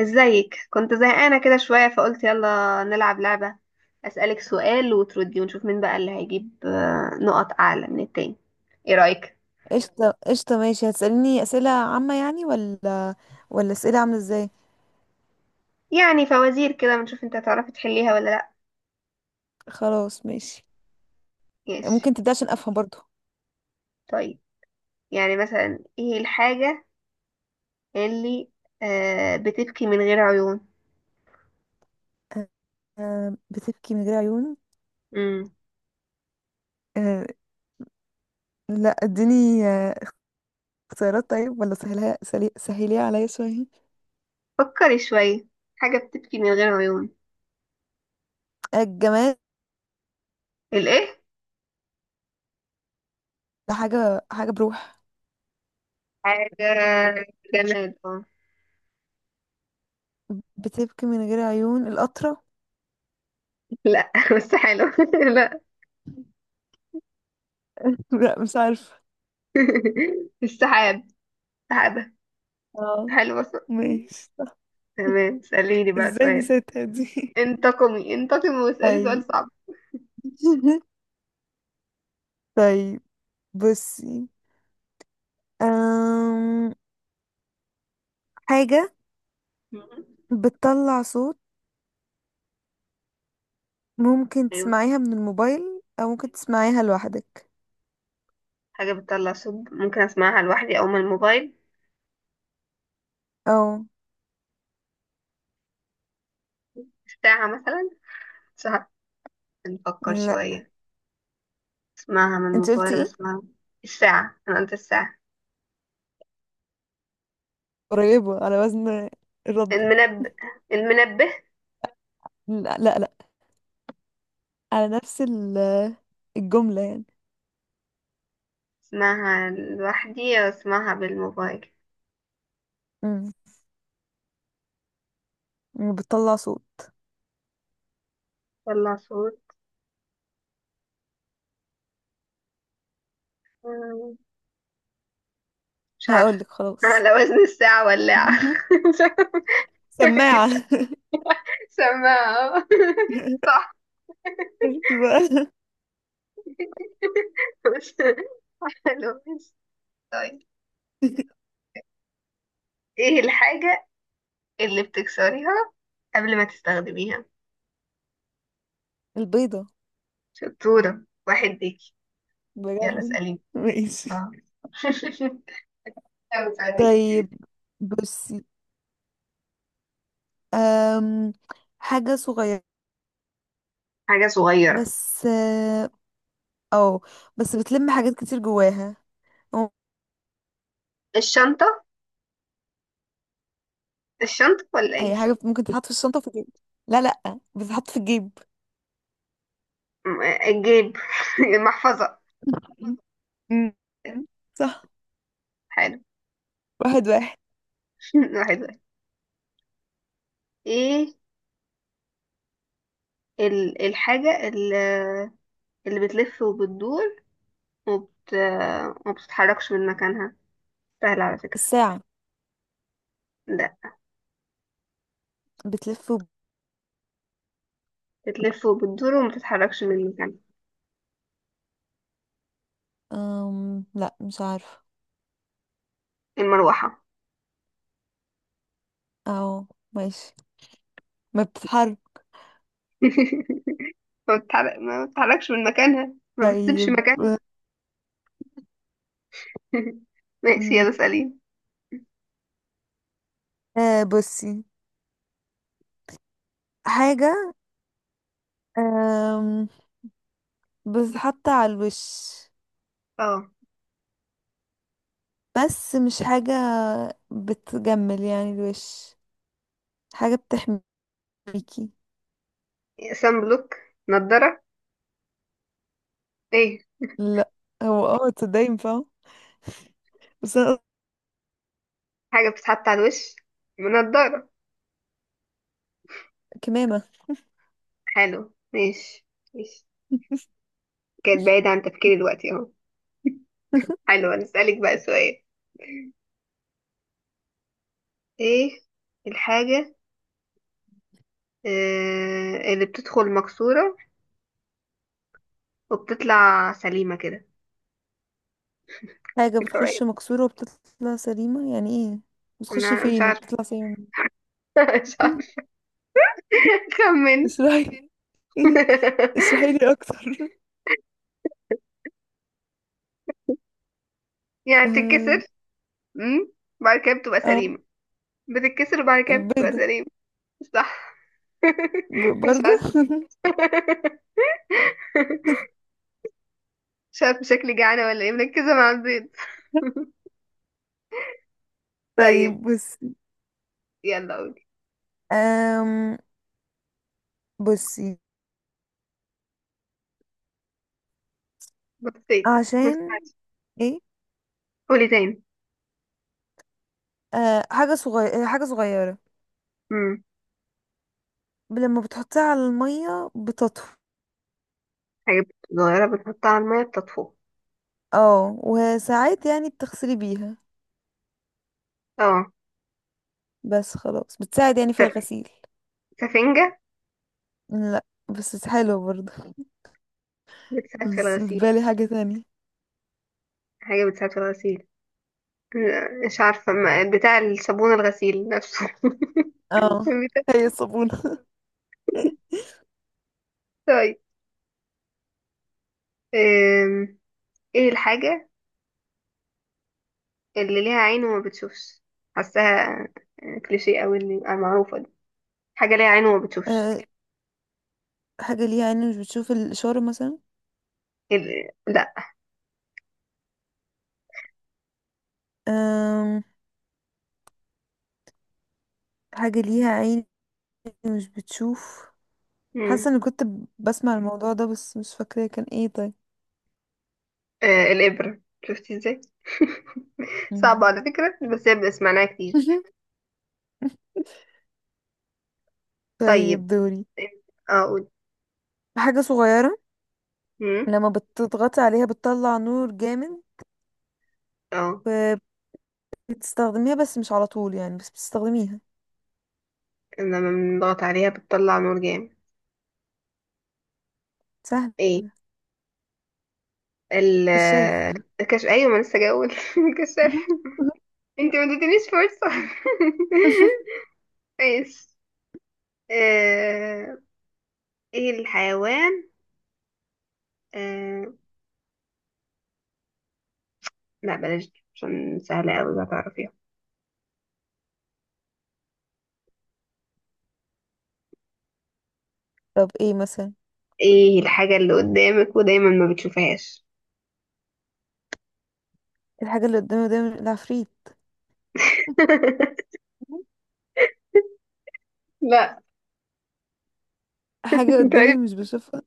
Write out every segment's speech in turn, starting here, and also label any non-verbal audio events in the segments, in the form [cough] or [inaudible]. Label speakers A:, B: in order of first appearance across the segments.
A: ازيك؟ كنت زهقانة كده شوية، فقلت يلا نلعب لعبة. أسألك سؤال وتردي ونشوف مين بقى اللي هيجيب نقط أعلى من التاني. ايه رأيك؟
B: قشطة قشطة ماشي. هتسألني أسئلة عامة يعني ولا أسئلة عاملة ازاي؟
A: يعني فوازير كده، ونشوف انت هتعرفي تحليها ولا لأ.
B: خلاص ماشي.
A: ماشي.
B: ممكن تبدأ عشان أفهم برضو؟
A: طيب. يعني مثلا، ايه الحاجة اللي بتبكي من غير عيون؟
B: أه، بتبكي من غير عيون.
A: امم
B: أه. لا، اديني اختيارات. طيب، ولا سهلها سهليها عليا شوية.
A: فكري شوية. حاجة بتبكي من غير عيون.
B: الجمال.
A: الايه؟
B: حاجة بروح.
A: حاجة جماد. اه.
B: بتبكي من غير عيون القطرة.
A: [laughs] لا. بس حلو. [laughs] لا.
B: [laughs] لا، مش عارفة.
A: [laughs] السحاب. سحابة.
B: اه،
A: حلوة، صح.
B: ماشي.
A: تمام، اسأليني بقى
B: ازاي
A: سؤال.
B: نسيتها دي؟ [laughs]
A: انتقمي انتقمي واسألي
B: طيب.
A: سؤال صعب.
B: [laughs] طيب، بصي. أم... حاجة
A: مهم.
B: بتطلع صوت. ممكن
A: ايوه.
B: تسمعيها من الموبايل او ممكن تسمعيها لوحدك.
A: حاجة بتطلع صوت، ممكن اسمعها لوحدي او من الموبايل.
B: او.
A: الساعة مثلا. ساعة. نفكر
B: لا.
A: شوية. اسمعها من
B: انت قلتي
A: الموبايل
B: ايه؟
A: بسمعها. الساعة، انا قلت الساعة.
B: قريبة على وزن الرد.
A: المنبه. المنبه.
B: لا لا لا. على نفس الجملة يعني.
A: اسمعها لوحدي او اسمعها بالموبايل.
B: امم بتطلع صوت.
A: طلع صوت. مم، مش عارفة.
B: هقولك
A: [laughs]
B: خلاص.
A: على وزن الساعة، ولاعة.
B: مهم.
A: [laughs] مش عارفة. أكيد
B: سماعة.
A: لا.
B: [laughs]
A: سماعة. [laughs] صح.
B: شفتي بقى.
A: [laughs] بس حلو. ماشي. طيب. ايه الحاجة اللي بتكسريها قبل ما تستخدميها؟
B: البيضة.
A: شطورة، واحد ليكي. يلا
B: بجد.
A: اسأليني.
B: ماشي.
A: اه. [laughs] يلا اسأليني.
B: طيب، بصي. أم حاجة صغيرة.
A: حاجة صغيرة.
B: بس، اه أو، بس بتلم حاجات كتير جواها.
A: الشنطة. الشنطة ولا ايه؟
B: اي حاجه ممكن تتحط في الشنطه في الجيب. لا لا، بتتحط في الجيب.
A: الجيب. [laughs] المحفظة.
B: مم. صح.
A: حلو.
B: واحد واحد.
A: [laughs] واحد واحد. ايه الحاجة اللي، اللي بتلف وبتدور وبت... وما بتتحركش من مكانها؟ سهل على فكرة.
B: الساعه.
A: لا.
B: بتلف
A: بتلف وبتدور وما بتتحركش من مكانها.
B: لا، مش عارفه.
A: المروحة.
B: اه، ماشي. ما بتتحرك.
A: [laughs] ما بتتحرك، ما بتتحركش من مكانها، ما بتسيبش
B: طيب،
A: مكانها. [laughs] ماشي،
B: أم،
A: يلا سألين.
B: بصي. حاجه، أم... بتتحط على الوش.
A: اه.
B: بس مش حاجه بتجمل يعني الوش. حاجه بتحميكي.
A: سان بلوك. نضارة. ايه.
B: لا. هو تصدقي ينفع. بس انا قصدي
A: حاجة بتتحط على الوش. نضارة.
B: كمامه.
A: حلو، ماشي. ماشي. كانت بعيدة عن تفكيري دلوقتي اهو.
B: [laughs]
A: حلو، هنسألك بقى سؤال. ايه الحاجة اللي بتدخل مكسورة وبتطلع سليمة كده؟
B: حاجة
A: فكرة قريبة.
B: بتخش مكسورة وبتطلع سليمة يعني ايه؟ بتخش
A: انا مش
B: فين
A: عارفة.
B: وبتطلع سليمة؟ [laughs]
A: [laughs] مش
B: منين؟
A: عارفة. [laughs] خمن.
B: اشرحي. [laughs] اشرحي لي
A: [laughs]
B: اكتر. [laughs]
A: يعني
B: آم،
A: بتتكسر. امم وبعد كده بتبقى
B: اه.
A: سليمة. بتتكسر وبعد كده بتبقى
B: البيضة.
A: سليمة. صح. [laughs]
B: ب-
A: مش
B: برضو.
A: عارف. [laughs]
B: [laughs]
A: مش عارف، شكلي جعانة ولا ايه، مركزة مع البيض. [laughs] طيب.
B: طيب،
A: يلا قولي.
B: أم بصي
A: بطيت. ما
B: عشان
A: سمعتش.
B: ايه.
A: قولي تاني.
B: حاجة صغيرة، حاجة صغيرة،
A: امم
B: لما بتحطيها على المية بتطفو.
A: حاجة صغيرة بتحطها على المية بتطفو.
B: اه، وساعات يعني بتغسلي بيها.
A: اه.
B: بس خلاص بتساعد يعني في
A: س-
B: الغسيل.
A: سفنجة.
B: لا، بس حلوة برضو.
A: بتساعد في
B: بس في
A: الغسيل.
B: بالي حاجة تانية.
A: حاجة بتساعد في الغسيل. لا، مش عارفة، بتاع الصابون، الغسيل نفسه. [laughs]
B: اه،
A: بتاع-
B: هي الصابونة. [laughs]
A: طيب. أم، ايه الحاجة اللي ليها عين وما بتشوفش؟ حاساها كليشيه قوي اللي المعروفه دي. حاجه ليها عين وما بتشوفش.
B: آه، حاجة ليها عين مش بتشوف الإشارة مثلا.
A: لا.
B: آم، حاجة ليها عين مش بتشوف.
A: مم.
B: حاسة اني كنت بسمع الموضوع ده بس مش فاكرة كان ايه. طيب.
A: الابره، شفتي ازاي؟ [laughs] صعبه
B: مم.
A: على فكره، بس هي سمعناها كتير.
B: [laughs]
A: طيب.
B: طيب، دوري.
A: اه، قول.
B: حاجة صغيرة.
A: مم.
B: لما بتضغطي عليها بتطلع نور جامد،
A: اه.
B: وبتستخدميها بس مش على طول يعني، بس بتستخدميها.
A: لما بنضغط عليها بتطلع نور جامد.
B: سهل.
A: ايه ال
B: كشاف.
A: الكشف، ايوه، ما لسه جاول. [laughs] الكشاف.
B: [laughs]
A: انت ما اديتنيش فرصه. [laughs] ماشي. آه، ايه الحيوان؟ آه... لا بلاش دي، عشان سهلة أوي هتعرفيها.
B: طب ايه مثلا إيه؟
A: ايه الحاجة اللي قدامك ودايما ما بتشوفهاش؟
B: الحاجة اللي قدامي ده العفريت.
A: [laughs] لا.
B: حاجة
A: انت
B: قدامي
A: عرفت.
B: مش بشوفها.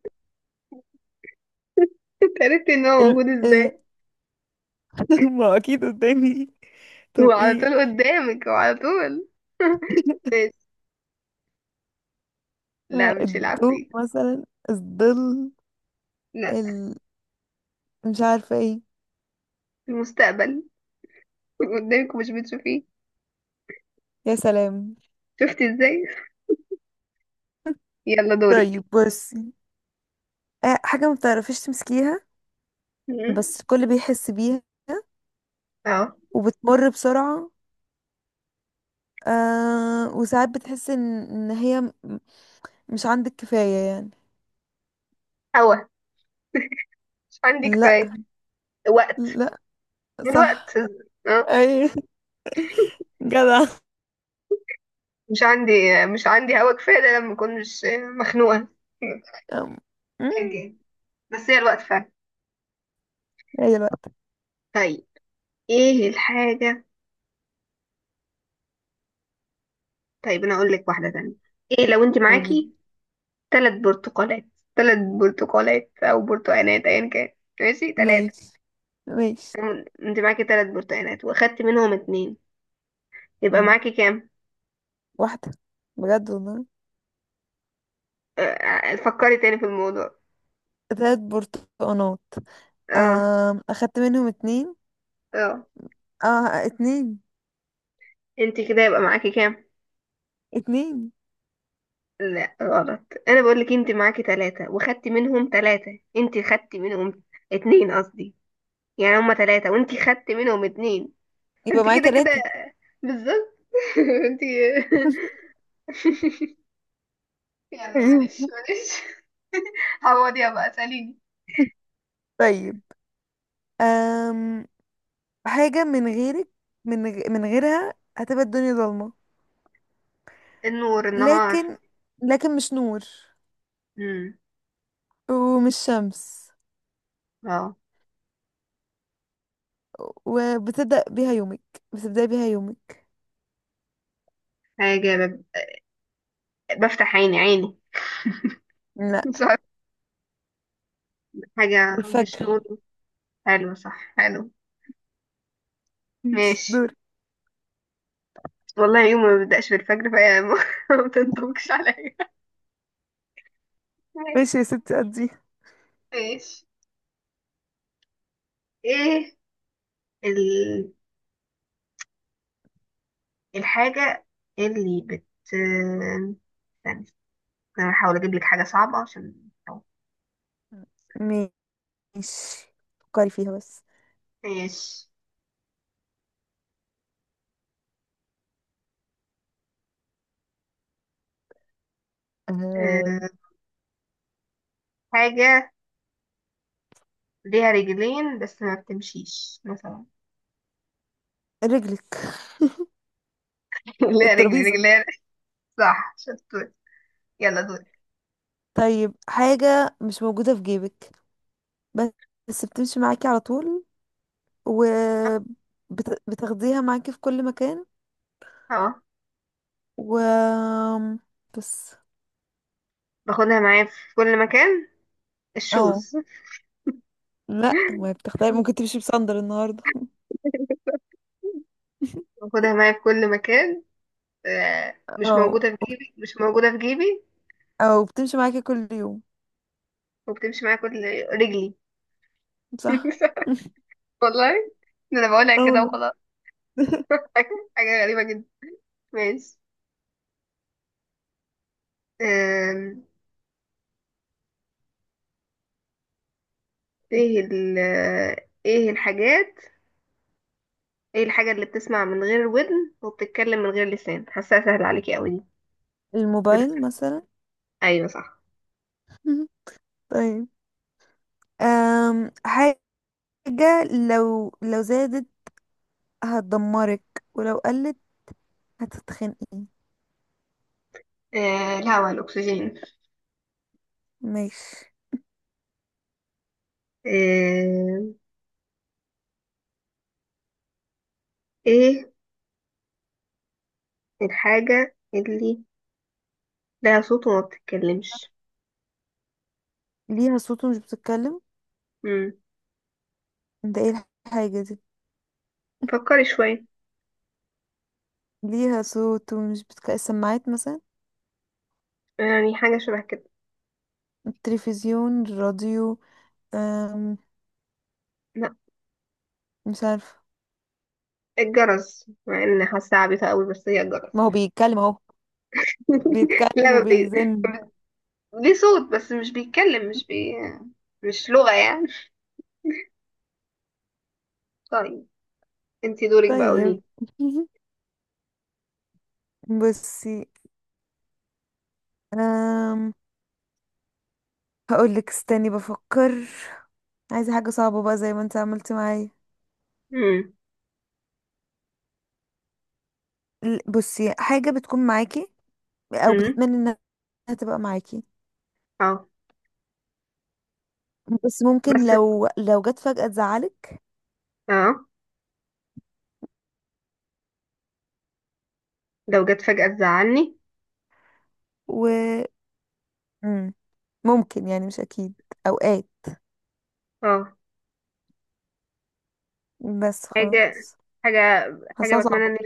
A: انت عرفت ان هو
B: ال...
A: موجود
B: آه،
A: ازاي؟
B: [laughs] ما أكيد قدامي. طب
A: وعلى
B: ايه؟
A: طول قدامك، وعلى طول. [laughs]
B: [laughs]
A: ماشي. لا مش
B: الضوء
A: العفريت.
B: مثلا، الظل.
A: لا.
B: ال... مش عارفة ايه.
A: المستقبل. قدامك ومش بتشوفيه.
B: يا سلام.
A: شفتي ازاي؟ يلا دورك.
B: طيب، بصي. حاجة ما بتعرفيش تمسكيها.
A: مم.
B: بس الكل بيحس بيها
A: اه.
B: وبتمر بسرعة. وساعات بتحس ان هي مش عندك كفاية يعني.
A: هوا. مش عندي
B: لا
A: كفاية. وقت.
B: لا، صح.
A: الوقت. اه.
B: اي. [laughs] جدع.
A: مش عندي مش عندي هوا كفاية، ده لما اكون مش مخنوقة. [laughs]
B: أم، أم،
A: حاجة. بس هي الوقت فعلا.
B: هي الوقت.
A: طيب. ايه الحاجة. طيب انا اقول لك واحدة تانية. ايه لو انت
B: قولي.
A: معاكي ثلاث برتقالات؟ ثلاث برتقالات او برتقانات ايا كان. ماشي، ثلاثة.
B: ماشي ماشي.
A: انت معاكي ثلاث برتقانات واخدتي منهم اتنين، يبقى
B: مم.
A: معاكي كام؟
B: واحدة. بجد والله.
A: فكري تاني في الموضوع.
B: تلات برتقانات.
A: اه.
B: أخدت منهم اتنين.
A: اه.
B: اه، اتنين.
A: انت كده يبقى معاكي كام؟
B: اتنين،
A: لا، غلط. انا بقول لك انت معاكي ثلاثة واخدتي منهم ثلاثة، انت خدتي منهم اتنين قصدي، يعني هما ثلاثة وانت خدتي منهم اتنين. [laughs]
B: يبقى
A: انت
B: معايا
A: كده كده،
B: تلاتة.
A: بالظبط. [laughs] انت،
B: [laughs]
A: يلا
B: أيوة.
A: معلش معلش. عوضيها بقى، ساليني.
B: طيب، أم حاجة من غيرك. من غيرها هتبقى الدنيا ضلمة.
A: النور، النهار.
B: لكن لكن مش نور،
A: امم.
B: ومش شمس،
A: اه.
B: وبتبدأ بيها يومك. بتبدأ بيها يومك.
A: حاجة بفتح عيني عيني. [laughs]
B: لا.
A: مش عارفة. حاجة مش
B: الفجر.
A: نور. حلو، صح حلو.
B: ماشي،
A: ماشي.
B: دور.
A: والله يوم ما بيبدأش بالفجر فهي [laughs] ما تنطبقش عليا. ماشي.
B: ماشي يا ستي قضي.
A: ماشي. ايه ال... الحاجة اللي بت استنى. انا هحاول اجيب لك حاجة صعبة عشان.
B: ماشي، فكري فيها بس.
A: ماشي.
B: أه...
A: آه، حاجة ليها رجلين بس ما بتمشيش مثلا.
B: رجلك.
A: [laughs] ليها رجل،
B: الترابيزة.
A: رجلين. صح، شطور. يلا دورك.
B: طيب، حاجة مش موجودة في جيبك. بس بس بتمشي معاكي على طول، وبتاخديها معاكي في كل مكان.
A: اه.
B: و بس،
A: باخدها معايا في كل مكان.
B: اه
A: الشوز.
B: لا، ما بتختاري، ممكن تمشي بصندل النهاردة.
A: [laughs]
B: [laughs]
A: باخدها معايا في كل مكان. مش
B: او
A: موجودة في جيبي، مش موجودة في جيبي.
B: او بتمشي معاكي كل يوم.
A: وبتمشي معايا كل. رجلي.
B: صح. [laughs]
A: [laughs] والله، ده انا بقولها
B: اه
A: كده
B: والله.
A: وخلاص.
B: [laughs]
A: [laughs] حاجة غريبة جدا. ماشي. آم، ايه ال ايه الحاجات ايه الحاجة اللي بتسمع من غير ودن وبتتكلم من غير لسان؟ حاساها سهلة عليكي قوي دي. بت-
B: الموبايل مثلا.
A: ايوه صح.
B: [laughs] طيب، حاجة لو زادت هتدمرك، ولو قلت هتتخنقي.
A: الهوا، الاكسجين.
B: ماشي.
A: آه ايه الحاجة اللي لها صوت وما بتتكلمش؟
B: ليها صوت ومش بتتكلم.
A: مم.
B: ده ايه الحاجة دي؟
A: فكري شوية.
B: ليها صوت ومش بتتكلم، السماعات مثلا،
A: يعني حاجة شبه كده.
B: التلفزيون، الراديو. أم...
A: لا.
B: مش عارفة.
A: الجرس، مع ان حاسة عبيطة قوي بس هي الجرس.
B: ما هو بيتكلم اهو،
A: [laughs] لا،
B: بيتكلم
A: ما بي... ما
B: وبيزن.
A: بي- ليه صوت بس مش بيتكلم، مش لغة يعني. طيب، انتي دورك بقى،
B: طيب.
A: قولي.
B: [laughs] بصي. أم... هقولك استني بفكر. عايزة حاجة صعبة بقى زي ما انت عملتي معايا.
A: امم.
B: بصي، حاجة بتكون معاكي او
A: امم.
B: بتتمني انها تبقى معاكي،
A: اه.
B: بس ممكن
A: بس
B: لو جت فجأة تزعلك.
A: اه، لو جت فجأة تزعلني.
B: و. مم. ممكن يعني مش اكيد، اوقات.
A: اه.
B: بس
A: حاجة
B: خلاص.
A: حاجة حاجة
B: حاساها
A: بتمنى
B: صعبة.
A: ان.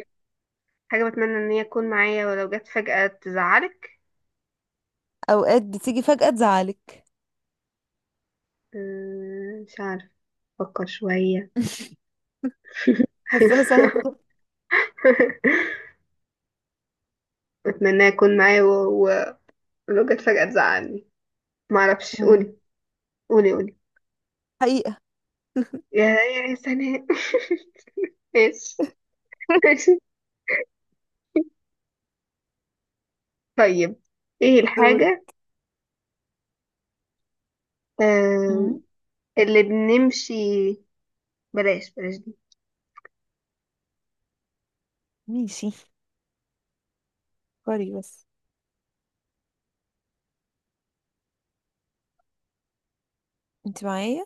A: حاجة بتمنى ان هي تكون معايا ولو جت فجأة تزعلك.
B: اوقات بتيجي فجأة تزعلك.
A: مش عارف، افكر شوية.
B: [laughs] حاساها
A: [laughs]
B: صعبة.
A: بتمنى يكون معايا ولو جت فجأة تزعلني. معرفش،
B: مم.
A: قولي قولي قولي.
B: حقيقة.
A: يا سناء. [laughs] ماشي.
B: [laughs]
A: ماشي. طيب. ايه
B: دوري.
A: الحاجة. آم،
B: مم.
A: اللي بنمشي. بلاش بلاش دي.
B: ماشي، فكري بس. انت معايا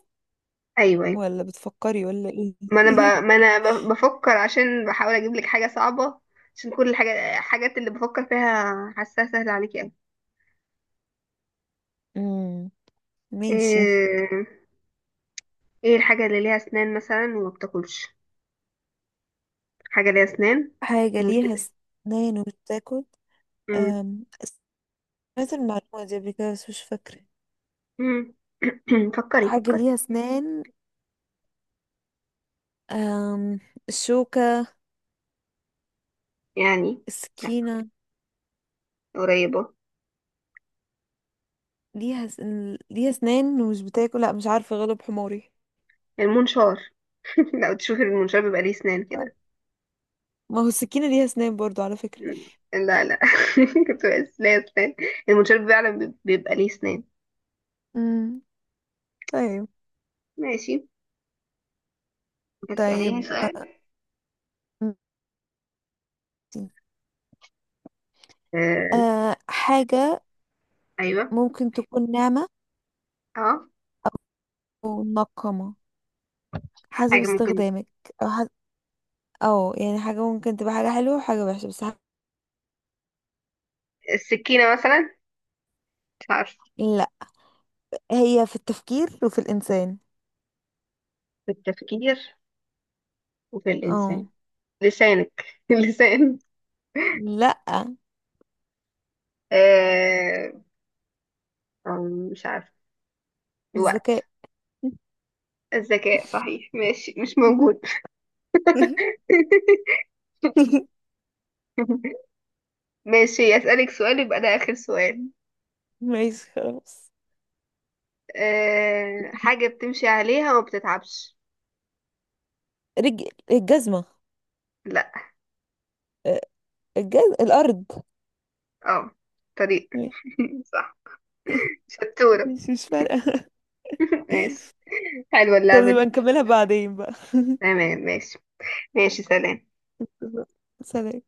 A: ايوه، أيوة.
B: ولا بتفكري ولا ايه؟
A: ما انا ب...
B: [laughs]
A: ما انا ب... بفكر عشان بحاول اجيب لك حاجه صعبه، عشان كل الحاجات اللي بفكر فيها حاساها سهله عليكي قوي.
B: مم. ماشي.
A: ايه. ايه الحاجه اللي ليها اسنان مثلا وما بتاكلش؟ حاجه ليها اسنان
B: حاجة
A: ومش بت...
B: ليها سنان وبتاكل.
A: مم.
B: أم، سمعت المعلومة دي قبل كده بس مش فاكرة.
A: مم. [clears throat] فكري
B: حاجة
A: فكري.
B: ليها سنان. أم... الشوكة.
A: يعني. لا،
B: السكينة.
A: قريبه.
B: ليها س... ليها اسنان ومش بتاكل. لا، مش عارفة، غلب حماري.
A: المنشار. [laughs] لو تشوفي المنشار بيبقى ليه اسنان كده.
B: ما هو السكينة ليها اسنان برضو على فكرة.
A: لا لا. [laughs] كنت بس ليه اسنان. المنشار فعلا بيبقى ليه اسنان.
B: امم طيب
A: ماشي. هتسأليني
B: طيب
A: سؤال.
B: ماشي.
A: آه،
B: حاجة
A: ايوه.
B: ممكن تكون ناعمة
A: اه
B: أو منقمة حسب
A: حاجة ممكن.
B: استخدامك. أو حسب أو يعني حاجة ممكن تبقى حاجة حلوة وحاجة وحشة، بس
A: السكينة مثلا؟ مش عارفة.
B: لا. هي في التفكير وفي الإنسان.
A: في التفكير وفي الإنسان.
B: اه.
A: لسانك. [laughs] اللسان.
B: لا.
A: آه... مش عارفة. الوقت.
B: الذكاء.
A: الذكاء، صحيح ماشي، مش
B: [laughs]
A: موجود. [laughs] ماشي، أسألك سؤال يبقى ده آخر سؤال.
B: ماشي خلاص.
A: حاجة بتمشي عليها وما بتتعبش.
B: رج... الجزمة.
A: لا.
B: آه، الأرض.
A: اه. طريق. [laughs] صح،
B: [laughs]
A: شطورة.
B: مش فارقة. [laughs]
A: [laughs] ماشي. حلوة
B: طب
A: اللعبة
B: نبقى
A: دي.
B: نكملها بعدين بقى.
A: تمام، ماشي. ماشي، سلام.
B: [laughs] سلام.